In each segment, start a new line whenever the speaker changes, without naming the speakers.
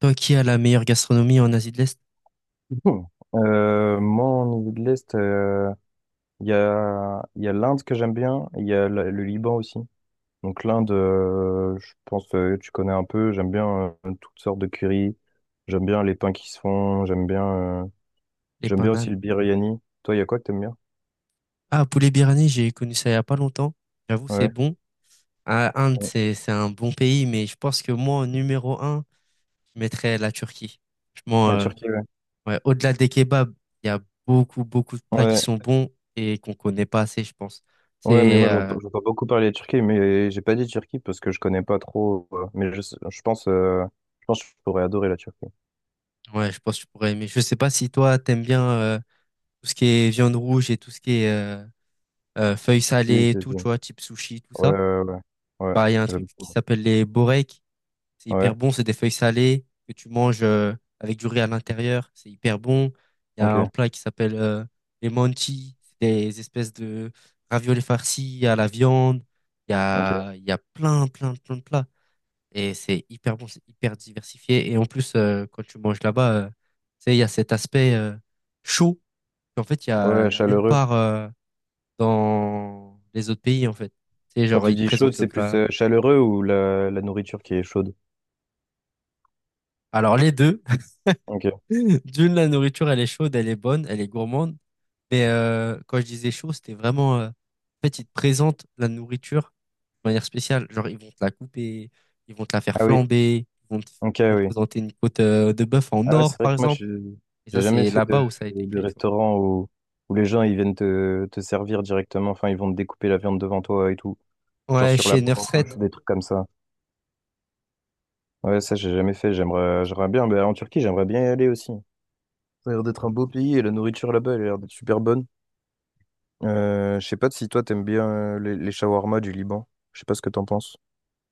Toi qui as la meilleure gastronomie en Asie de l'Est,
Bon. Moi, au niveau de l'Est, il y a l'Inde que j'aime bien, et il y a le Liban aussi. Donc l'Inde, je pense que tu connais un peu, j'aime bien toutes sortes de curry, j'aime bien les pains qui se font, euh,
les
j'aime bien aussi
pananes.
le biryani. Toi, il y a quoi que t'aimes bien?
Ah, poulet birani. J'ai connu ça il y a pas longtemps. J'avoue, c'est
Ouais.
bon. Ah, Inde, c'est un bon pays, mais je pense que moi, en numéro un, je mettrais la Turquie. Franchement,
La Turquie, ouais.
ouais, au-delà des kebabs, il y a beaucoup, beaucoup de plats qui
Ouais,
sont bons et qu'on connaît pas assez, je pense.
ouais, mais
C'est,
moi
euh,
j'entends beaucoup parler de Turquie, mais j'ai pas dit Turquie parce que je connais pas trop. Mais je pense que je pourrais adorer la Turquie.
ouais, je pense que tu pourrais aimer. Je sais pas si toi, t'aimes bien tout ce qui est viande rouge et tout ce qui est feuilles
Si,
salées et
si,
tout,
si.
tu
Ouais,
vois, type sushi, tout ça.
ouais, ouais. Ouais,
Bah, il y a un truc
j'aime.
qui s'appelle les boreks. C'est hyper
Ouais,
bon, c'est des feuilles salées que tu manges avec du riz à l'intérieur. C'est hyper bon. Il y a un
ok,
plat qui s'appelle les mantis, c'est des espèces de raviolis farcis à la viande. Il y
ok.
a, il y a plein, plein, plein de plats. Et c'est hyper bon, c'est hyper diversifié. Et en plus, quand tu manges là-bas, tu sais, il y a cet aspect chaud qu'en fait, il y
Ouais,
a nulle
chaleureux.
part dans les autres pays, en fait. Tu sais,
Quand
genre,
tu
ils te
dis chaude,
présentent le
c'est plus
plat.
chaleureux ou la nourriture qui est chaude?
Alors, les deux.
Ok.
D'une, la nourriture, elle est chaude, elle est bonne, elle est gourmande. Mais quand je disais chaud, c'était vraiment en fait, ils te présentent la nourriture de manière spéciale. Genre, ils vont te la couper, ils vont te la faire
Ah oui,
flamber,
ok,
ils vont te
oui.
présenter une côte de bœuf en
Ah ouais, c'est
or,
vrai
par
que moi,
exemple.
je
Et
j'ai
ça,
jamais
c'est
fait
là-bas où ça a été
de
créé, tu vois.
restaurant où, où les gens ils viennent te servir directement. Enfin, ils vont te découper la viande devant toi et tout. Genre
Ouais,
sur la
chez Nusret.
broche, des trucs comme ça. Ouais, ça, j'ai jamais fait. J'aimerais bien. Mais en Turquie, j'aimerais bien y aller aussi. Ça a l'air d'être un beau pays et la nourriture là-bas, elle a l'air d'être super bonne. Je sais pas si toi, t'aimes bien les shawarma du Liban. Je sais pas ce que t'en penses.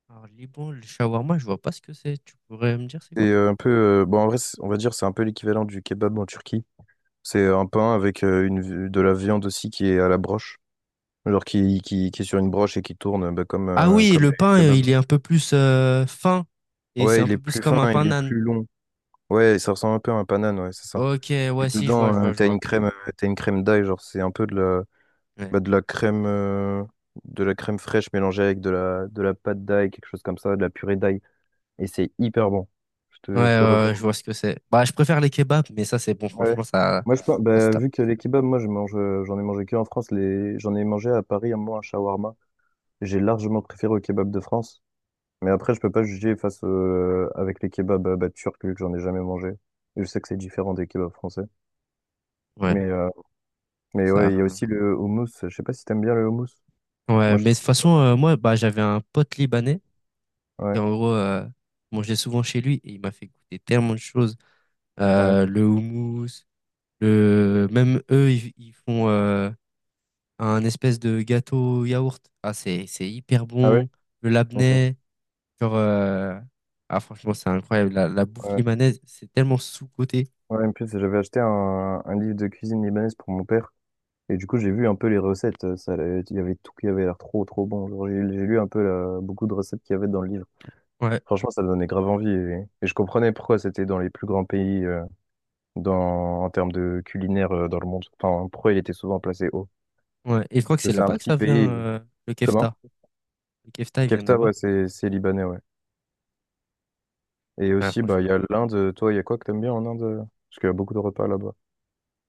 Alors, Liban, le shawarma, je vois pas ce que c'est. Tu pourrais me dire c'est
C'est
quoi?
un peu, bon, en vrai, on va dire, c'est un peu l'équivalent du kebab en Turquie. C'est un pain avec de la viande aussi qui est à la broche, genre qui, qui est sur une broche et qui tourne bah, comme,
Ah oui,
comme
le
les
pain,
kebabs.
il est un peu plus fin. Et c'est
Ouais,
un
il est
peu plus
plus
comme
fin,
un pain
il est
nan.
plus long. Ouais, ça ressemble un peu à un panane, ouais, c'est ça.
Ok,
Et
ouais, si, je vois,
dedans,
je vois, je vois.
t'as une crème d'ail, genre c'est un peu
Ouais.
bah, de la crème fraîche mélangée avec de la pâte d'ail, quelque chose comme ça, de la purée d'ail. Et c'est hyper bon. Je
Ouais,
te, je te
ouais, ouais, je
recommande.
vois ce que c'est. Bah, je préfère les kebabs, mais ça, c'est bon,
Ouais.
franchement, ça,
Moi, je pense,
ça se
bah,
tape.
vu que les kebabs, moi, je mange, j'en ai mangé que en France. J'en ai mangé à Paris un moment un shawarma. J'ai largement préféré au kebab de France. Mais après, je peux pas juger face avec les kebabs bah, turcs, vu que j'en ai jamais mangé. Je sais que c'est différent des kebabs français.
Ouais,
Mais, euh, mais
ça a
ouais, il y a
rien à
aussi
voir.
le houmous. Je sais pas si t'aimes bien le houmous. Moi,
Ouais,
je
mais de
trouve
toute
ça pas
façon,
mal.
moi, bah, j'avais un pote libanais, et
Ouais,
en gros, je mangeais souvent chez lui, et il m'a fait goûter tellement de choses.
ouais.
Le houmous, le même eux, ils font un espèce de gâteau yaourt. Ah, c'est hyper
Ah ouais?
bon. Le
Ok.
labneh, genre, ah, franchement, c'est incroyable. La bouffe
Ouais.
libanaise, c'est tellement sous-coté.
Ouais, en plus, j'avais acheté un livre de cuisine libanaise pour mon père. Et du coup, j'ai vu un peu les recettes. Il y avait tout qui avait l'air trop, trop bon. Genre, j'ai lu un peu beaucoup de recettes qu'il y avait dans le livre.
Ouais.
Franchement, ça donnait grave envie. Et je comprenais pourquoi c'était dans les plus grands pays en termes de culinaire dans le monde. Enfin, pourquoi il était souvent placé haut.
Ouais, et je crois
Parce
que
que
c'est
c'est un
là-bas que
petit
ça vient,
pays.
le
Comment?
kefta. Le kefta, il vient de
Kefta,
là-bas.
ouais, c'est libanais, ouais. Et
Ouais,
aussi, bah,
franchement.
il y a l'Inde. Toi, il y a quoi que t'aimes bien en Inde? Parce qu'il y a beaucoup de repas là-bas.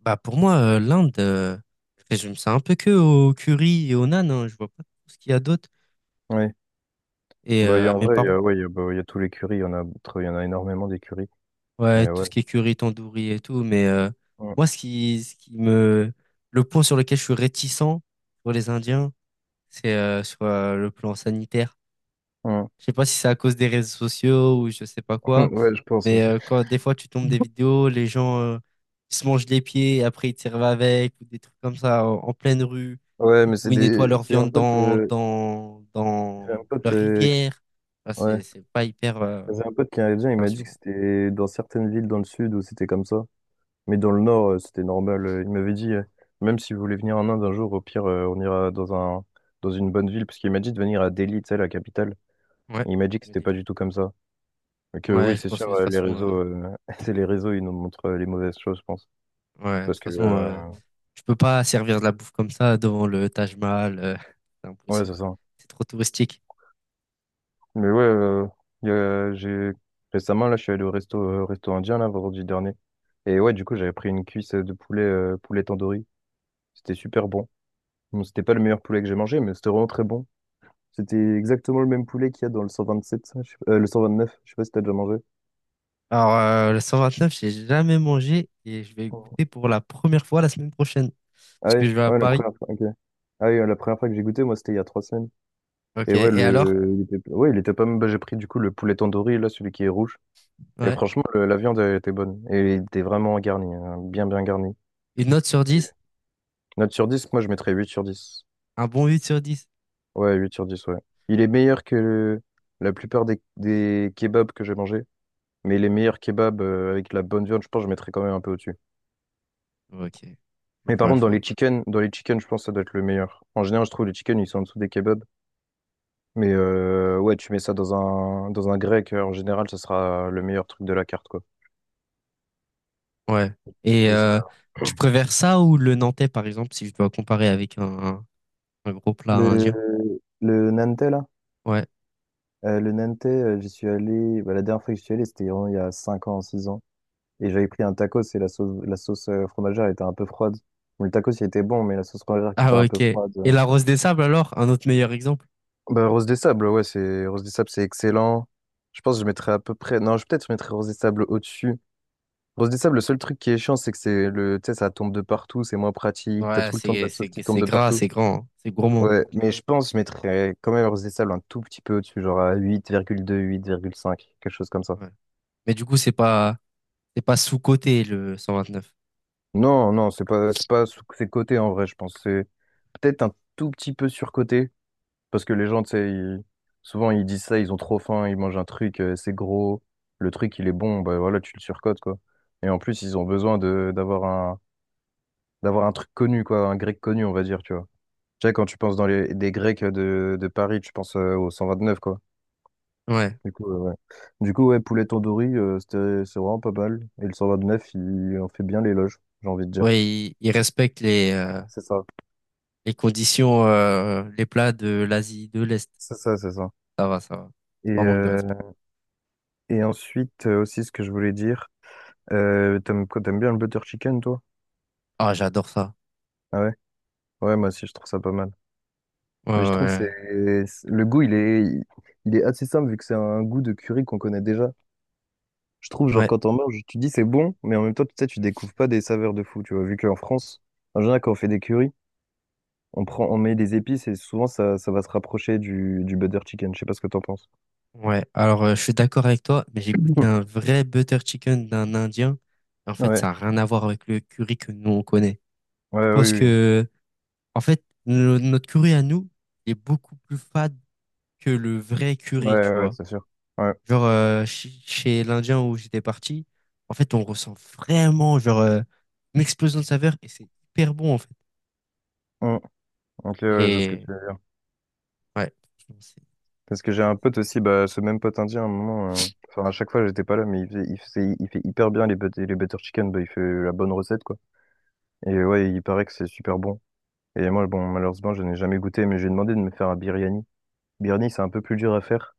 Bah, pour moi, l'Inde, je résume ça un peu que au curry et au naan, hein. Je vois pas trop ce qu'il y a d'autre.
Oui.
Et
Bah, il y a, en
mes
vrai, il y
parents,
a, ouais, il y a, bah, il y a tous les currys. Il y en a énormément des currys.
ouais,
Mais
tout
ouais.
ce qui est curry, tandoori et tout. Mais
Mm.
moi, le point sur lequel je suis réticent pour les Indiens, c'est sur le plan sanitaire.
Mm.
Je sais pas si c'est à cause des réseaux sociaux ou je sais pas quoi,
Ouais, je pense
mais
aussi.
quand des fois tu tombes des vidéos, les gens ils se mangent les pieds et après ils te servent avec ou des trucs comme ça en, en pleine rue,
Ouais,
ils-
mais
où
c'est
ils nettoient
des...
leur viande dans dans
J'ai un
dans
pote,
leur
qui...
rivière. Ah,
ouais.
c'est pas hyper
J'ai un pote qui est indien, il m'a dit que
rassurant.
c'était dans certaines villes dans le sud où c'était comme ça. Mais dans le nord, c'était normal. Il m'avait dit, même si vous voulez venir en Inde un jour, au pire, on ira dans un... dans une bonne ville. Parce qu'il m'a dit de venir à Delhi, tu sais, la capitale.
Ouais.
Et il m'a dit que
Le
c'était pas
délire.
du tout comme ça. Et que
Ouais,
oui,
je
c'est
pense
sûr,
que de toute
les
façon
réseaux, c'est les réseaux, ils nous montrent les mauvaises choses, je pense.
ouais, de toute
Parce que,
façon euh, je peux pas servir de la bouffe comme ça devant le Taj Mahal, c'est
ouais,
impossible.
c'est ça.
C'est trop touristique.
Mais ouais, j'ai récemment là, je suis allé au resto, resto indien là vendredi dernier. Et ouais, du coup, j'avais pris une cuisse de poulet, tandoori. C'était super bon. Bon, c'était pas le meilleur poulet que j'ai mangé, mais c'était vraiment très bon. C'était exactement le même poulet qu'il y a dans le 127, ça, je sais pas- le 129. Je sais pas si t'as déjà mangé.
Alors, le 129, j'ai jamais mangé et je vais
Oh.
goûter pour la première fois la semaine prochaine.
Ah
Parce
oui,
que je vais à
ouais, la
Paris.
première fois. Ok. Ah oui, la première fois que j'ai goûté, moi, c'était il y a 3 semaines.
Ok.
Et ouais,
Et alors?
ouais, il était pas mal. Bah, j'ai pris du coup le poulet tandoori, là, celui qui est rouge. Et
Ouais.
franchement, la viande, elle était bonne. Et il était vraiment garni, hein, bien, bien garni.
Une note sur dix,
Note sur dix, moi je mettrais 8/10.
un bon 8 sur 10.
Ouais, 8/10, ouais. Il est meilleur que la plupart des kebabs que j'ai mangés. Mais les meilleurs kebabs avec la bonne viande, je pense que je mettrais quand même un peu au-dessus.
Ok. Je
Mais par
vois,
contre,
je vois.
dans les chicken je pense que ça doit être le meilleur. En général, je trouve les chicken ils sont en dessous des kebabs. Mais ouais, tu mets ça dans un grec, en général, ça sera le meilleur truc de la carte, quoi.
Ouais. Et
Oui,
tu préfères ça ou le nantais, par exemple, si je dois comparer avec un gros plat
Le,
indien?
le Nantais, là,
Ouais.
j'y suis allé, bah, la dernière fois que j'y suis allé, c'était vraiment il y a 5 ans, 6 ans. Et j'avais pris un tacos et la sauce fromagère était un peu froide. Bon, le tacos, il était bon, mais la sauce fromagère qui était
Ah,
un
ok.
peu
Et
froide.
la rose des sables, alors? Un autre meilleur exemple?
Bah, Rose des Sables, ouais, c'est Rose des Sables, c'est excellent. Je pense que je mettrais à peu près. Non, je peut-être je mettrais Rose des Sables au-dessus. Rose des Sables, le seul truc qui est chiant, c'est que tu sais, ça tombe de partout, c'est moins pratique, t'as
Ouais,
tout le temps de la sauce qui tombe
c'est
de
gras,
partout.
c'est grand, hein, c'est gourmand.
Ouais, mais je pense que je mettrais quand même Rose des Sables un tout petit peu au-dessus, genre à huit, 8,2, 8,5, quelque chose comme ça.
Ouais. Mais du coup, c'est pas sous-coté, le 129.
Non, non, c'est pas, sous- c'est coté en vrai, je pense. C'est peut-être un tout petit peu surcoté. Parce que les gens, tu sais, souvent ils disent ça, ils ont trop faim, ils mangent un truc, c'est gros, le truc il est bon, bah voilà, tu le surcotes, quoi. Et en plus, ils ont besoin de d'avoir un truc connu, quoi, un grec connu, on va dire, tu vois. Tu sais, quand tu penses dans les des Grecs de Paris, tu penses au 129, quoi.
Ouais.
Du coup, ouais. Du coup, ouais, poulet tandoori, c'est vraiment pas mal. Et le 129, il en fait bien l'éloge, j'ai envie de dire.
Ouais, ils respectent
C'est ça.
les conditions, les plats de l'Asie de l'Est.
C'est ça, c'est ça.
Ça va, ça va.
Et,
C'est pas un manque de
euh,
respect.
et ensuite, aussi, ce que je voulais dire, t'aimes bien le butter chicken, toi?
Ah, j'adore ça.
Ah ouais, ouais, moi aussi je trouve ça pas mal.
Ouais,
Mais je trouve
ouais,
le goût il est assez simple vu que c'est un goût de curry qu'on connaît déjà. Je trouve genre
ouais.
quand on mange, tu dis c'est bon, mais en même temps tu sais tu découvres pas des saveurs de fou, tu vois. Vu qu'en France, en général quand on fait des currys, on met des épices et souvent ça va se rapprocher du butter chicken. Je sais pas ce que t'en penses.
Ouais. Alors, je suis d'accord avec toi, mais j'ai goûté un vrai butter chicken d'un Indien. En fait, ça
Ouais,
n'a rien à voir avec le curry que nous, on connaît.
ouais,
Je
oui,
pense
oui.
que, en fait, no- notre curry à nous est beaucoup plus fade que le vrai
Ouais,
curry, tu
ouais, ouais,
vois.
c'est sûr. Ouais.
Genre, chi- chez l'Indien où j'étais parti, en fait, on ressent vraiment, genre, une explosion de saveur et c'est hyper bon, en fait.
Hum, Ok, ouais, je vois ce que
Et,
tu veux.
ouais, franchement,
Parce que j'ai
c'est-
un pote aussi, bah, ce même pote indien, à un moment, enfin, à chaque fois, j'étais pas là, mais il fait hyper bien les, les butter chicken, bah, il fait la bonne recette, quoi. Et ouais, il paraît que c'est super bon. Et moi, bon, malheureusement, je n'ai jamais goûté, mais j'ai demandé de me faire un biryani. Biryani, c'est un peu plus dur à faire,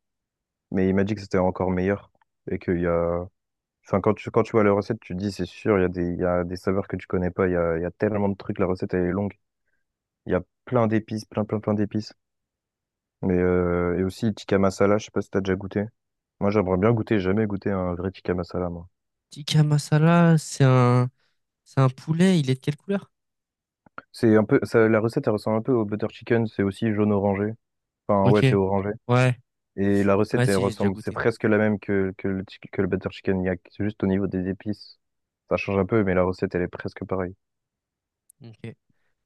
mais il m'a dit que c'était encore meilleur. Et qu'il y a, enfin, quand tu vois la recette, tu te dis, c'est sûr, il y a des, saveurs que tu connais pas, il y a tellement de trucs, la recette, elle est longue. Il y a plein d'épices, plein, plein, plein d'épices. Et aussi, tikka masala, je sais pas si t'as déjà goûté. Moi, j'aimerais bien goûter, jamais goûté un vrai tikka masala, moi.
Tikka masala, c'est un poulet, il est de quelle couleur?
C'est un peu, ça, la recette, elle ressemble un peu au butter chicken, c'est aussi jaune orangé. Enfin, ouais,
Ok.
c'est orangé.
Ouais,
Et la
ouais,
recette, elle
si, j'ai déjà
ressemble, c'est
goûté.
presque la même que le butter chicken yak. C'est juste au niveau des épices. Ça change un peu, mais la recette, elle est presque pareille.
Ok.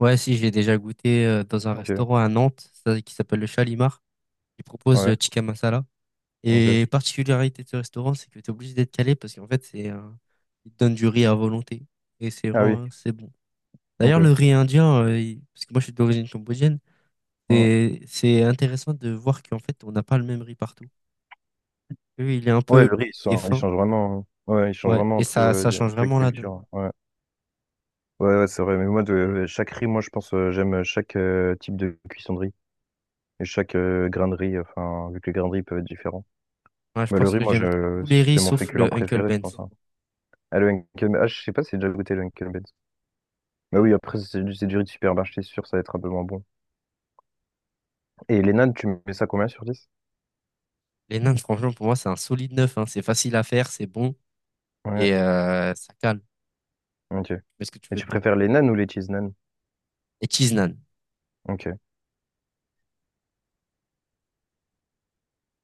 Ouais, si, j'ai déjà goûté dans un
Ok,
restaurant à Nantes ça- qui s'appelle le Chalimar. Il propose le
ouais,
tikka masala.
ok.
Et particularité de ce restaurant, c'est que tu es obligé d'être calé parce qu'en fait, c'est un ils te donnent du riz à volonté. Et c'est
Ah oui,
vraiment, c'est bon. D'ailleurs, le
ok.
riz indien, il- parce que moi, je suis d'origine cambodgienne,
Mm.
c'est intéressant de voir qu'en fait, on n'a pas le même riz partout. Eux, il est un
Ouais,
peu
le riz,
long et
il
fin.
change vraiment, hein. Ouais, il change
Ouais,
vraiment
et
entre
ça, ça change
chaque
vraiment la donne.
culture. Ouais, ouais, ouais, c'est vrai. Mais moi, chaque riz, moi, je pense, j'aime chaque type de cuisson de riz. Et chaque grain de riz, enfin, vu que les grains de riz peuvent être différents.
Ouais, je
Mais le
pense
riz,
que j'aime tous les riz
c'est mon
sauf
féculent
le Uncle
préféré, je pense,
Ben's.
hein. Ah, ah, je sais pas si j'ai déjà goûté le Henkel Benz. Mais oui, après, c'est du riz de supermarché, c'est sûr, ça va être un peu moins bon. Et les nanes, tu mets ça combien sur dix?
Les nains, franchement, pour moi, c'est un solide neuf, hein. C'est facile à faire, c'est bon
Ouais,
et ça cale. Tu
ok.
mets ce que tu
Et
veux
tu
dedans.
préfères les nanes ou les cheese nanes?
Et cheese naan.
Ok.